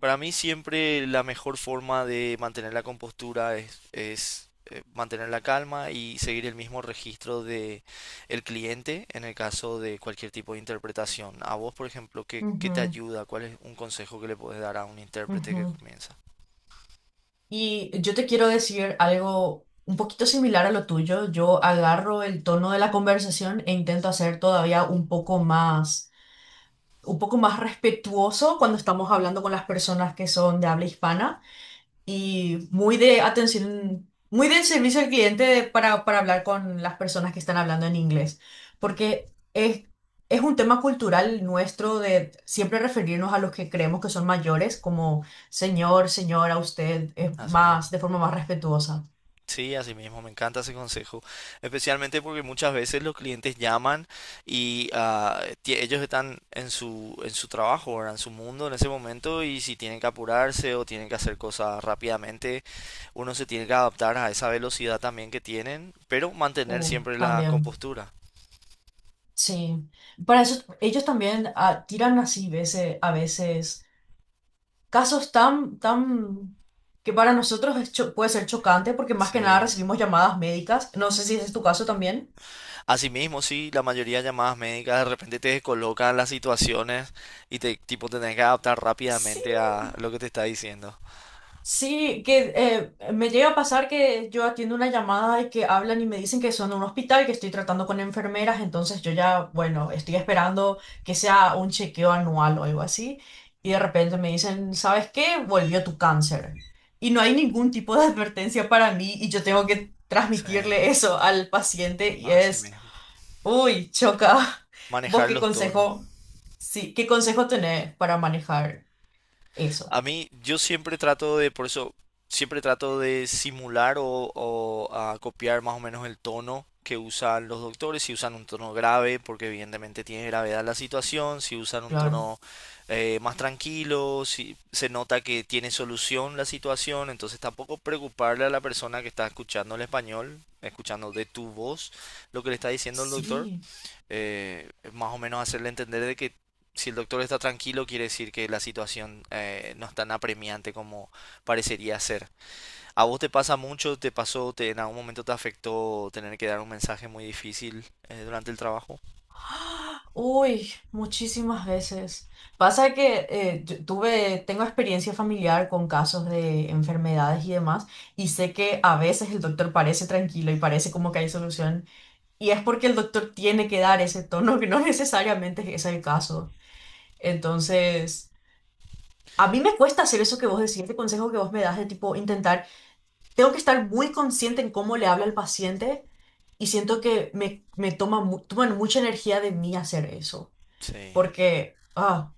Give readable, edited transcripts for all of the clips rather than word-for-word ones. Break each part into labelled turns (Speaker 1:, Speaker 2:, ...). Speaker 1: Para mí siempre la mejor forma de mantener la compostura es mantener la calma y seguir el mismo registro de el cliente en el caso de cualquier tipo de interpretación. A vos, por ejemplo, ¿qué te
Speaker 2: Ujú,
Speaker 1: ayuda? ¿Cuál es un consejo que le podés dar a un intérprete que
Speaker 2: ujú.
Speaker 1: comienza?
Speaker 2: Y yo te quiero decir algo un poquito similar a lo tuyo. Yo agarro el tono de la conversación e intento hacer todavía un poco más respetuoso cuando estamos hablando con las personas que son de habla hispana. Y muy de atención, muy del servicio al cliente para hablar con las personas que están hablando en inglés, porque es, es un tema cultural nuestro de siempre referirnos a los que creemos que son mayores como señor, señora, usted, es
Speaker 1: Así mismo.
Speaker 2: más, de forma más respetuosa.
Speaker 1: Sí, así mismo, me encanta ese consejo, especialmente porque muchas veces los clientes llaman y ellos están en en su trabajo, ¿verdad? En su mundo en ese momento y si tienen que apurarse o tienen que hacer cosas rápidamente, uno se tiene que adaptar a esa velocidad también que tienen, pero mantener siempre la
Speaker 2: También,
Speaker 1: compostura.
Speaker 2: sí. Para eso, ellos también tiran así a veces. Casos que para nosotros es puede ser chocante porque más que nada
Speaker 1: Sí.
Speaker 2: recibimos llamadas médicas. No sé si ese es tu caso también.
Speaker 1: Asimismo, sí, la mayoría de llamadas médicas de repente te descolocan las situaciones y te tipo tenés que adaptar
Speaker 2: Sí.
Speaker 1: rápidamente a lo que te está diciendo.
Speaker 2: Sí, que me llega a pasar que yo atiendo una llamada y que hablan y me dicen que son de un hospital, que estoy tratando con enfermeras, entonces yo ya, bueno, estoy esperando que sea un chequeo anual o algo así, y de repente me dicen, ¿sabes qué? Volvió tu cáncer. Y no hay ningún tipo de advertencia para mí y yo tengo que
Speaker 1: Sí,
Speaker 2: transmitirle eso al paciente y
Speaker 1: así
Speaker 2: es...
Speaker 1: mismo.
Speaker 2: Uy, choca. ¿Vos
Speaker 1: Manejar
Speaker 2: qué
Speaker 1: los tonos.
Speaker 2: consejo? Sí, ¿qué consejo tenés para manejar eso?
Speaker 1: A mí, yo siempre trato de, por eso, siempre trato de simular o copiar más o menos el tono que usan los doctores, si usan un tono grave, porque evidentemente tiene gravedad la situación, si usan un
Speaker 2: Claro.
Speaker 1: tono más tranquilo, si se nota que tiene solución la situación, entonces tampoco preocuparle a la persona que está escuchando el español, escuchando de tu voz lo que le está diciendo el doctor,
Speaker 2: Sí.
Speaker 1: más o menos hacerle entender de que si el doctor está tranquilo, quiere decir que la situación no es tan apremiante como parecería ser. ¿A vos te pasa mucho? ¿Te pasó? ¿En algún momento te afectó tener que dar un mensaje muy difícil durante el trabajo?
Speaker 2: ¡Ah! Uy, muchísimas veces. Pasa que tengo experiencia familiar con casos de enfermedades y demás, y sé que a veces el doctor parece tranquilo y parece como que hay solución, y es porque el doctor tiene que dar ese tono que no necesariamente es el caso. Entonces, a mí me cuesta hacer eso que vos decís, este consejo que vos me das de tipo intentar... Tengo que estar muy consciente en cómo le habla al paciente y siento que me toman mucha energía de mí hacer eso.
Speaker 1: Sí.
Speaker 2: Porque,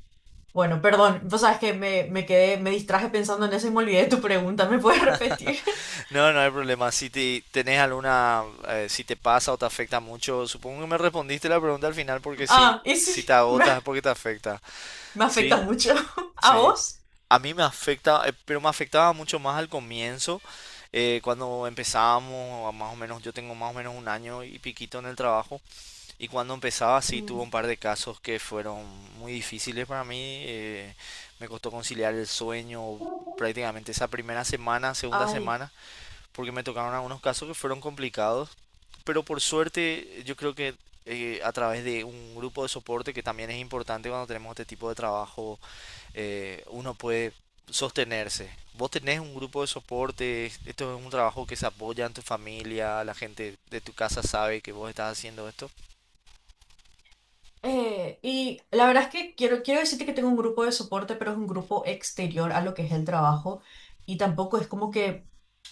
Speaker 2: bueno, perdón, vos sabes que me quedé, me distraje pensando en eso y me olvidé de tu pregunta. ¿Me puedes repetir?
Speaker 1: No, no hay problema. Si tenés alguna, si te pasa o te afecta mucho, supongo que me respondiste la pregunta al final porque sí,
Speaker 2: Ah, y sí,
Speaker 1: si te
Speaker 2: me,
Speaker 1: agotas es porque te afecta.
Speaker 2: me afecta
Speaker 1: Sí,
Speaker 2: mucho. ¿A
Speaker 1: sí,
Speaker 2: vos?
Speaker 1: a mí me afecta, pero me afectaba mucho más al comienzo, cuando empezábamos, más o menos, yo tengo más o menos un año y piquito en el trabajo, y cuando empezaba sí tuve
Speaker 2: Mm.
Speaker 1: un par de casos que fueron muy difíciles para mí, eh, me costó conciliar el sueño prácticamente esa primera semana, segunda
Speaker 2: Ay.
Speaker 1: semana, porque me tocaron algunos casos que fueron complicados, pero por suerte yo creo que a través de un grupo de soporte que también es importante cuando tenemos este tipo de trabajo, uno puede sostenerse. Vos tenés un grupo de soporte, esto es un trabajo que se apoya en tu familia, la gente de tu casa sabe que vos estás haciendo esto.
Speaker 2: Y la verdad es que quiero decirte que tengo un grupo de soporte, pero es un grupo exterior a lo que es el trabajo, y tampoco es como que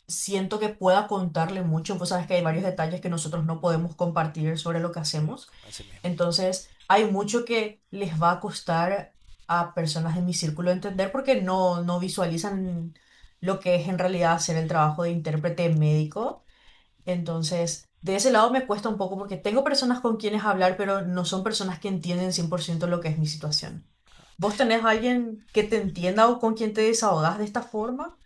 Speaker 2: siento que pueda contarle mucho. Vos sabes que hay varios detalles que nosotros no podemos compartir sobre lo que
Speaker 1: Sí.
Speaker 2: hacemos.
Speaker 1: Así mismo.
Speaker 2: Entonces, hay mucho que les va a costar a personas de mi círculo entender porque no, no visualizan lo que es en realidad hacer el trabajo de intérprete médico. Entonces, de ese lado me cuesta un poco porque tengo personas con quienes hablar, pero no son personas que entienden 100% lo que es mi situación. ¿Vos tenés alguien que te entienda o con quien te desahogás de esta forma?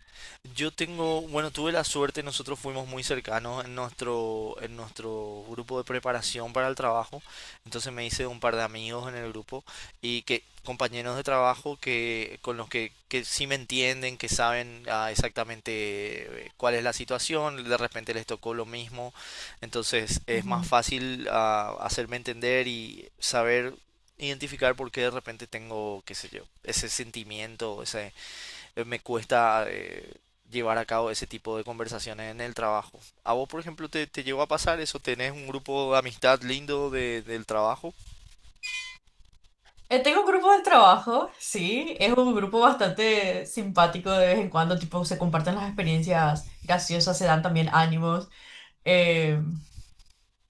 Speaker 1: Yo tengo, bueno, tuve la suerte, nosotros fuimos muy cercanos en en nuestro grupo de preparación para el trabajo, entonces me hice un par de amigos en el grupo y que compañeros de trabajo que con que sí me entienden, que saben exactamente cuál es la situación, de repente les tocó lo mismo, entonces es más
Speaker 2: Ujú.
Speaker 1: fácil hacerme entender y saber identificar por qué de repente tengo, qué sé yo, ese sentimiento, esa me cuesta llevar a cabo ese tipo de conversaciones en el trabajo. ¿A vos, por ejemplo, te llegó a pasar eso? ¿Tenés un grupo de amistad lindo del trabajo?
Speaker 2: Tengo un grupo de trabajo, sí, es un grupo bastante simpático de vez en cuando, tipo se comparten las experiencias graciosas, se dan también ánimos.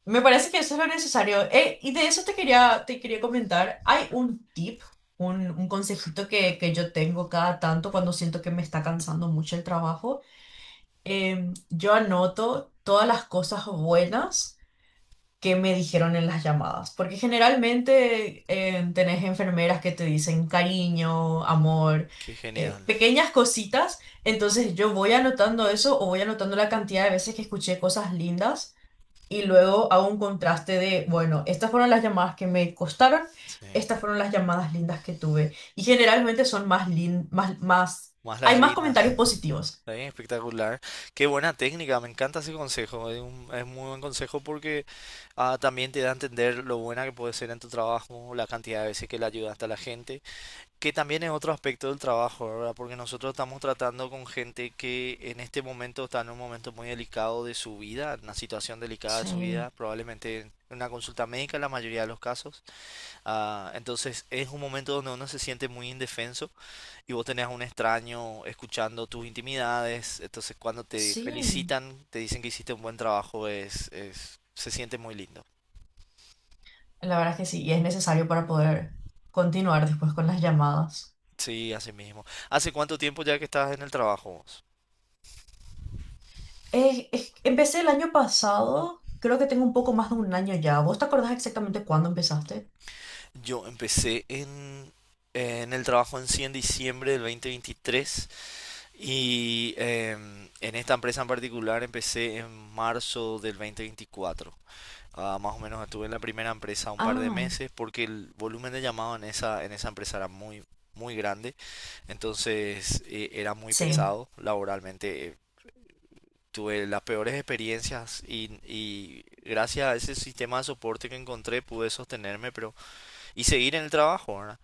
Speaker 2: Me parece que eso es lo necesario. Y de eso te quería comentar. Hay un tip, un consejito que yo tengo cada tanto cuando siento que me está cansando mucho el trabajo. Yo anoto todas las cosas buenas que me dijeron en las llamadas, porque generalmente tenés enfermeras que te dicen cariño, amor,
Speaker 1: Qué genial.
Speaker 2: pequeñas cositas. Entonces yo voy anotando eso o voy anotando la cantidad de veces que escuché cosas lindas y luego hago un contraste de, bueno, estas fueron las llamadas que me costaron,
Speaker 1: Sí.
Speaker 2: estas fueron las llamadas lindas que tuve. Y generalmente son más,
Speaker 1: Más
Speaker 2: hay
Speaker 1: las
Speaker 2: más
Speaker 1: lindas.
Speaker 2: comentarios positivos.
Speaker 1: Sí, espectacular. Qué buena técnica, me encanta ese consejo. Es es muy buen consejo porque también te da a entender lo buena que puede ser en tu trabajo, la cantidad de veces que le ayudaste a la gente. Que también es otro aspecto del trabajo, ¿verdad? Porque nosotros estamos tratando con gente que en este momento está en un momento muy delicado de su vida, una situación delicada de su
Speaker 2: Sí,
Speaker 1: vida, probablemente en una consulta médica en la mayoría de los casos. Ah, entonces es un momento donde uno se siente muy indefenso y vos tenés a un extraño escuchando tus intimidades. Entonces cuando te
Speaker 2: sí,
Speaker 1: felicitan, te dicen que hiciste un buen trabajo, se siente muy lindo.
Speaker 2: la verdad es que sí, y es necesario para poder continuar después con las llamadas.
Speaker 1: Sí, así mismo. ¿Hace cuánto tiempo ya que estás en el trabajo vos?
Speaker 2: Empecé el año pasado, creo que tengo un poco más de un año ya. ¿Vos te acordás exactamente cuándo empezaste?
Speaker 1: Yo empecé en, en el trabajo en sí en diciembre del 2023 y en esta empresa en particular empecé en marzo del 2024. Ah, más o menos estuve en la primera empresa un par de
Speaker 2: Ah,
Speaker 1: meses porque el volumen de llamado en en esa empresa era muy grande, entonces era muy
Speaker 2: sí.
Speaker 1: pesado laboralmente. Tuve las peores experiencias y gracias a ese sistema de soporte que encontré pude sostenerme, pero y seguir en el trabajo, ¿verdad?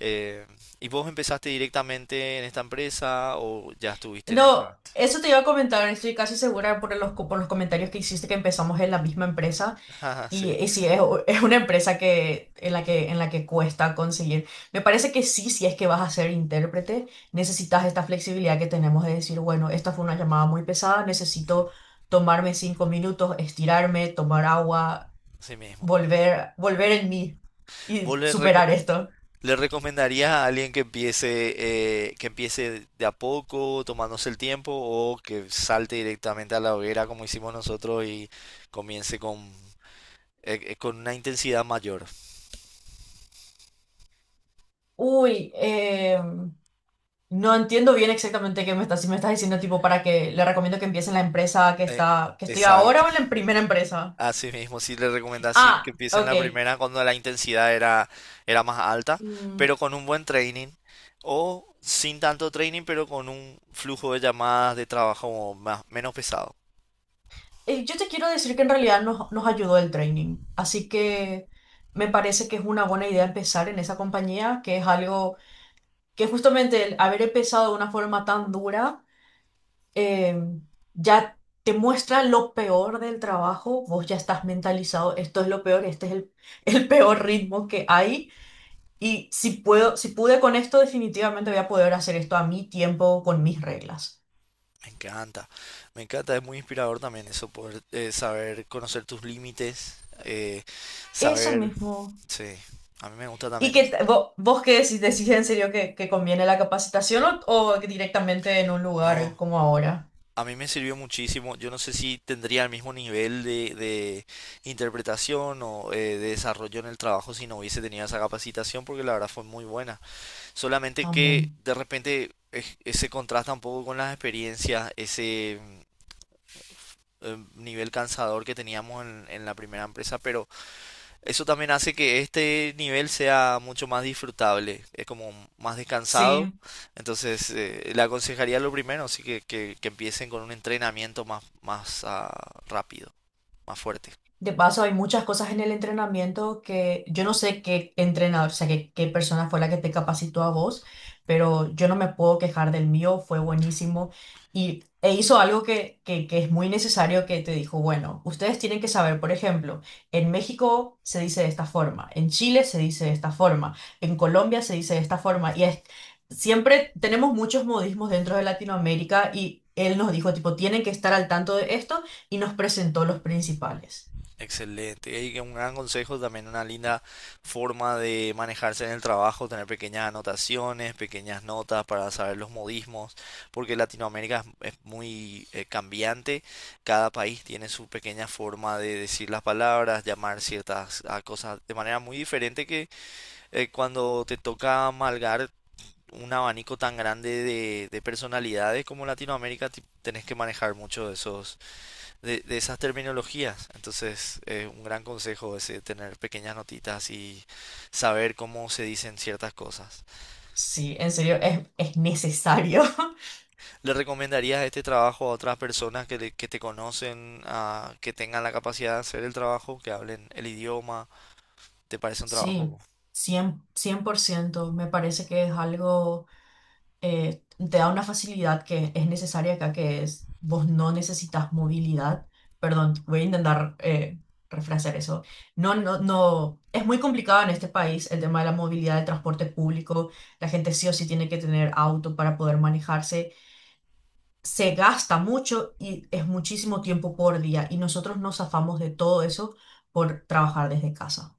Speaker 1: Eh, ¿Y vos empezaste directamente en esta empresa o ya estuviste en otra
Speaker 2: No,
Speaker 1: antes?
Speaker 2: eso te iba a comentar, estoy casi segura por por los comentarios que hiciste que empezamos en la misma empresa.
Speaker 1: Ah,
Speaker 2: Y,
Speaker 1: sí,
Speaker 2: y sí, es, es una empresa que, en la que cuesta conseguir. Me parece que sí, si es que vas a ser intérprete, necesitas esta flexibilidad que tenemos de decir, bueno, esta fue una llamada muy pesada,
Speaker 1: sí,
Speaker 2: necesito tomarme 5 minutos, estirarme, tomar agua,
Speaker 1: así mismo.
Speaker 2: volver en mí y
Speaker 1: ¿Vos le, reco-
Speaker 2: superar esto.
Speaker 1: le recomendarías a alguien que empiece de a poco, tomándose el tiempo, o que salte directamente a la hoguera como hicimos nosotros y comience con una intensidad mayor?
Speaker 2: Uy, no entiendo bien exactamente qué me estás, si me estás diciendo tipo para que le recomiendo que empiece en la empresa
Speaker 1: Eh,
Speaker 2: que estoy ahora
Speaker 1: Exacto.
Speaker 2: o en la primera empresa.
Speaker 1: Así mismo, sí le recomendás sí, que
Speaker 2: Ah,
Speaker 1: empiecen la
Speaker 2: ok.
Speaker 1: primera cuando la intensidad era más alta,
Speaker 2: Mm,
Speaker 1: pero con un buen training o sin tanto training, pero con un flujo de llamadas de trabajo más, menos pesado.
Speaker 2: yo te quiero decir que en realidad nos ayudó el training, así que me parece que es una buena idea empezar en esa compañía, que es algo que justamente el haber empezado de una forma tan dura eh, ya te muestra lo peor del trabajo, vos ya estás mentalizado, esto es lo peor, este es el peor ritmo que hay. Y si pude con esto, definitivamente voy a poder hacer esto a mi tiempo, con mis reglas.
Speaker 1: Me encanta, me encanta, es muy inspirador también eso, poder saber conocer tus límites, eh,
Speaker 2: Eso
Speaker 1: saber,
Speaker 2: mismo.
Speaker 1: sí, a mí me gusta
Speaker 2: ¿Y
Speaker 1: también
Speaker 2: que
Speaker 1: eso.
Speaker 2: vos qué decís? ¿Decís en serio que conviene la capacitación o directamente en un lugar
Speaker 1: No.
Speaker 2: como ahora?
Speaker 1: A mí me sirvió muchísimo. Yo no sé si tendría el mismo nivel de interpretación o de desarrollo en el trabajo si no hubiese tenido esa capacitación, porque la verdad fue muy buena. Solamente que
Speaker 2: También.
Speaker 1: de repente ese contrasta un poco con las experiencias, nivel cansador que teníamos en la primera empresa, pero eso también hace que este nivel sea mucho más disfrutable, es como más descansado.
Speaker 2: Sí.
Speaker 1: Entonces, le aconsejaría lo primero, así que empiecen con un entrenamiento más rápido, más fuerte.
Speaker 2: De paso, hay muchas cosas en el entrenamiento que yo no sé qué entrenador, o sea, qué persona fue la que te capacitó a vos, pero yo no me puedo quejar del mío, fue buenísimo. Y e hizo algo que es muy necesario, que te dijo, bueno, ustedes tienen que saber, por ejemplo, en México se dice de esta forma, en Chile se dice de esta forma, en Colombia se dice de esta forma, y es, siempre tenemos muchos modismos dentro de Latinoamérica y él nos dijo, tipo, tienen que estar al tanto de esto y nos presentó los principales.
Speaker 1: Excelente. Y un gran consejo, también una linda forma de manejarse en el trabajo, tener pequeñas anotaciones, pequeñas notas para saber los modismos, porque Latinoamérica es muy cambiante. Cada país tiene su pequeña forma de decir las palabras, llamar ciertas cosas de manera muy diferente que cuando te toca amalgar un abanico tan grande de personalidades como Latinoamérica, tenés que manejar mucho de esos de esas terminologías. Entonces, un gran consejo es tener pequeñas notitas y saber cómo se dicen ciertas cosas.
Speaker 2: Sí, en serio, es necesario.
Speaker 1: ¿Le recomendarías este trabajo a otras personas que te conocen, a, que tengan la capacidad de hacer el trabajo, que hablen el idioma? ¿Te parece un
Speaker 2: Sí,
Speaker 1: trabajo?
Speaker 2: cien por ciento. Me parece que es algo, te da una facilidad que es necesaria acá, que es, vos no necesitas movilidad. Perdón, voy a intentar refrasear eso. No, no, no, es muy complicado en este país el tema de la movilidad de transporte público. La gente sí o sí tiene que tener auto para poder manejarse. Se gasta mucho y es muchísimo tiempo por día y nosotros nos zafamos de todo eso por trabajar desde casa.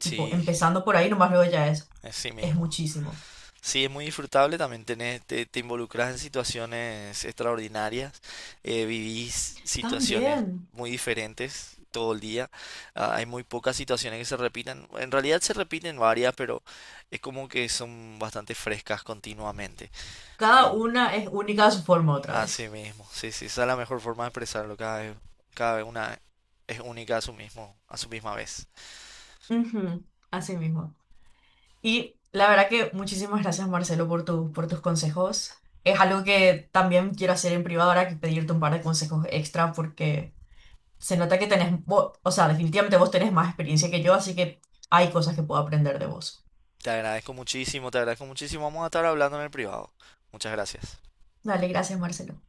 Speaker 2: Tipo, empezando por ahí, nomás luego ya
Speaker 1: así
Speaker 2: es
Speaker 1: mismo.
Speaker 2: muchísimo.
Speaker 1: Sí, es muy disfrutable, también tenés, te involucras en situaciones extraordinarias, vivís situaciones
Speaker 2: También,
Speaker 1: muy diferentes todo el día, ah, hay muy pocas situaciones que se repitan, en realidad se repiten varias, pero es como que son bastante frescas continuamente.
Speaker 2: cada
Speaker 1: Sí.
Speaker 2: una es única a su forma otra
Speaker 1: Así
Speaker 2: vez.
Speaker 1: mismo, sí, sí, esa es la mejor forma de expresarlo, cada vez una es única a su mismo, a su misma vez.
Speaker 2: Ujú, así mismo. Y la verdad que muchísimas gracias, Marcelo, por por tus consejos. Es algo que también quiero hacer en privado ahora que pedirte un par de consejos extra porque... se nota que tenés, o sea, definitivamente vos tenés más experiencia que yo, así que hay cosas que puedo aprender de vos.
Speaker 1: Te agradezco muchísimo, vamos a estar hablando en el privado. Muchas gracias.
Speaker 2: Dale, gracias, Marcelo.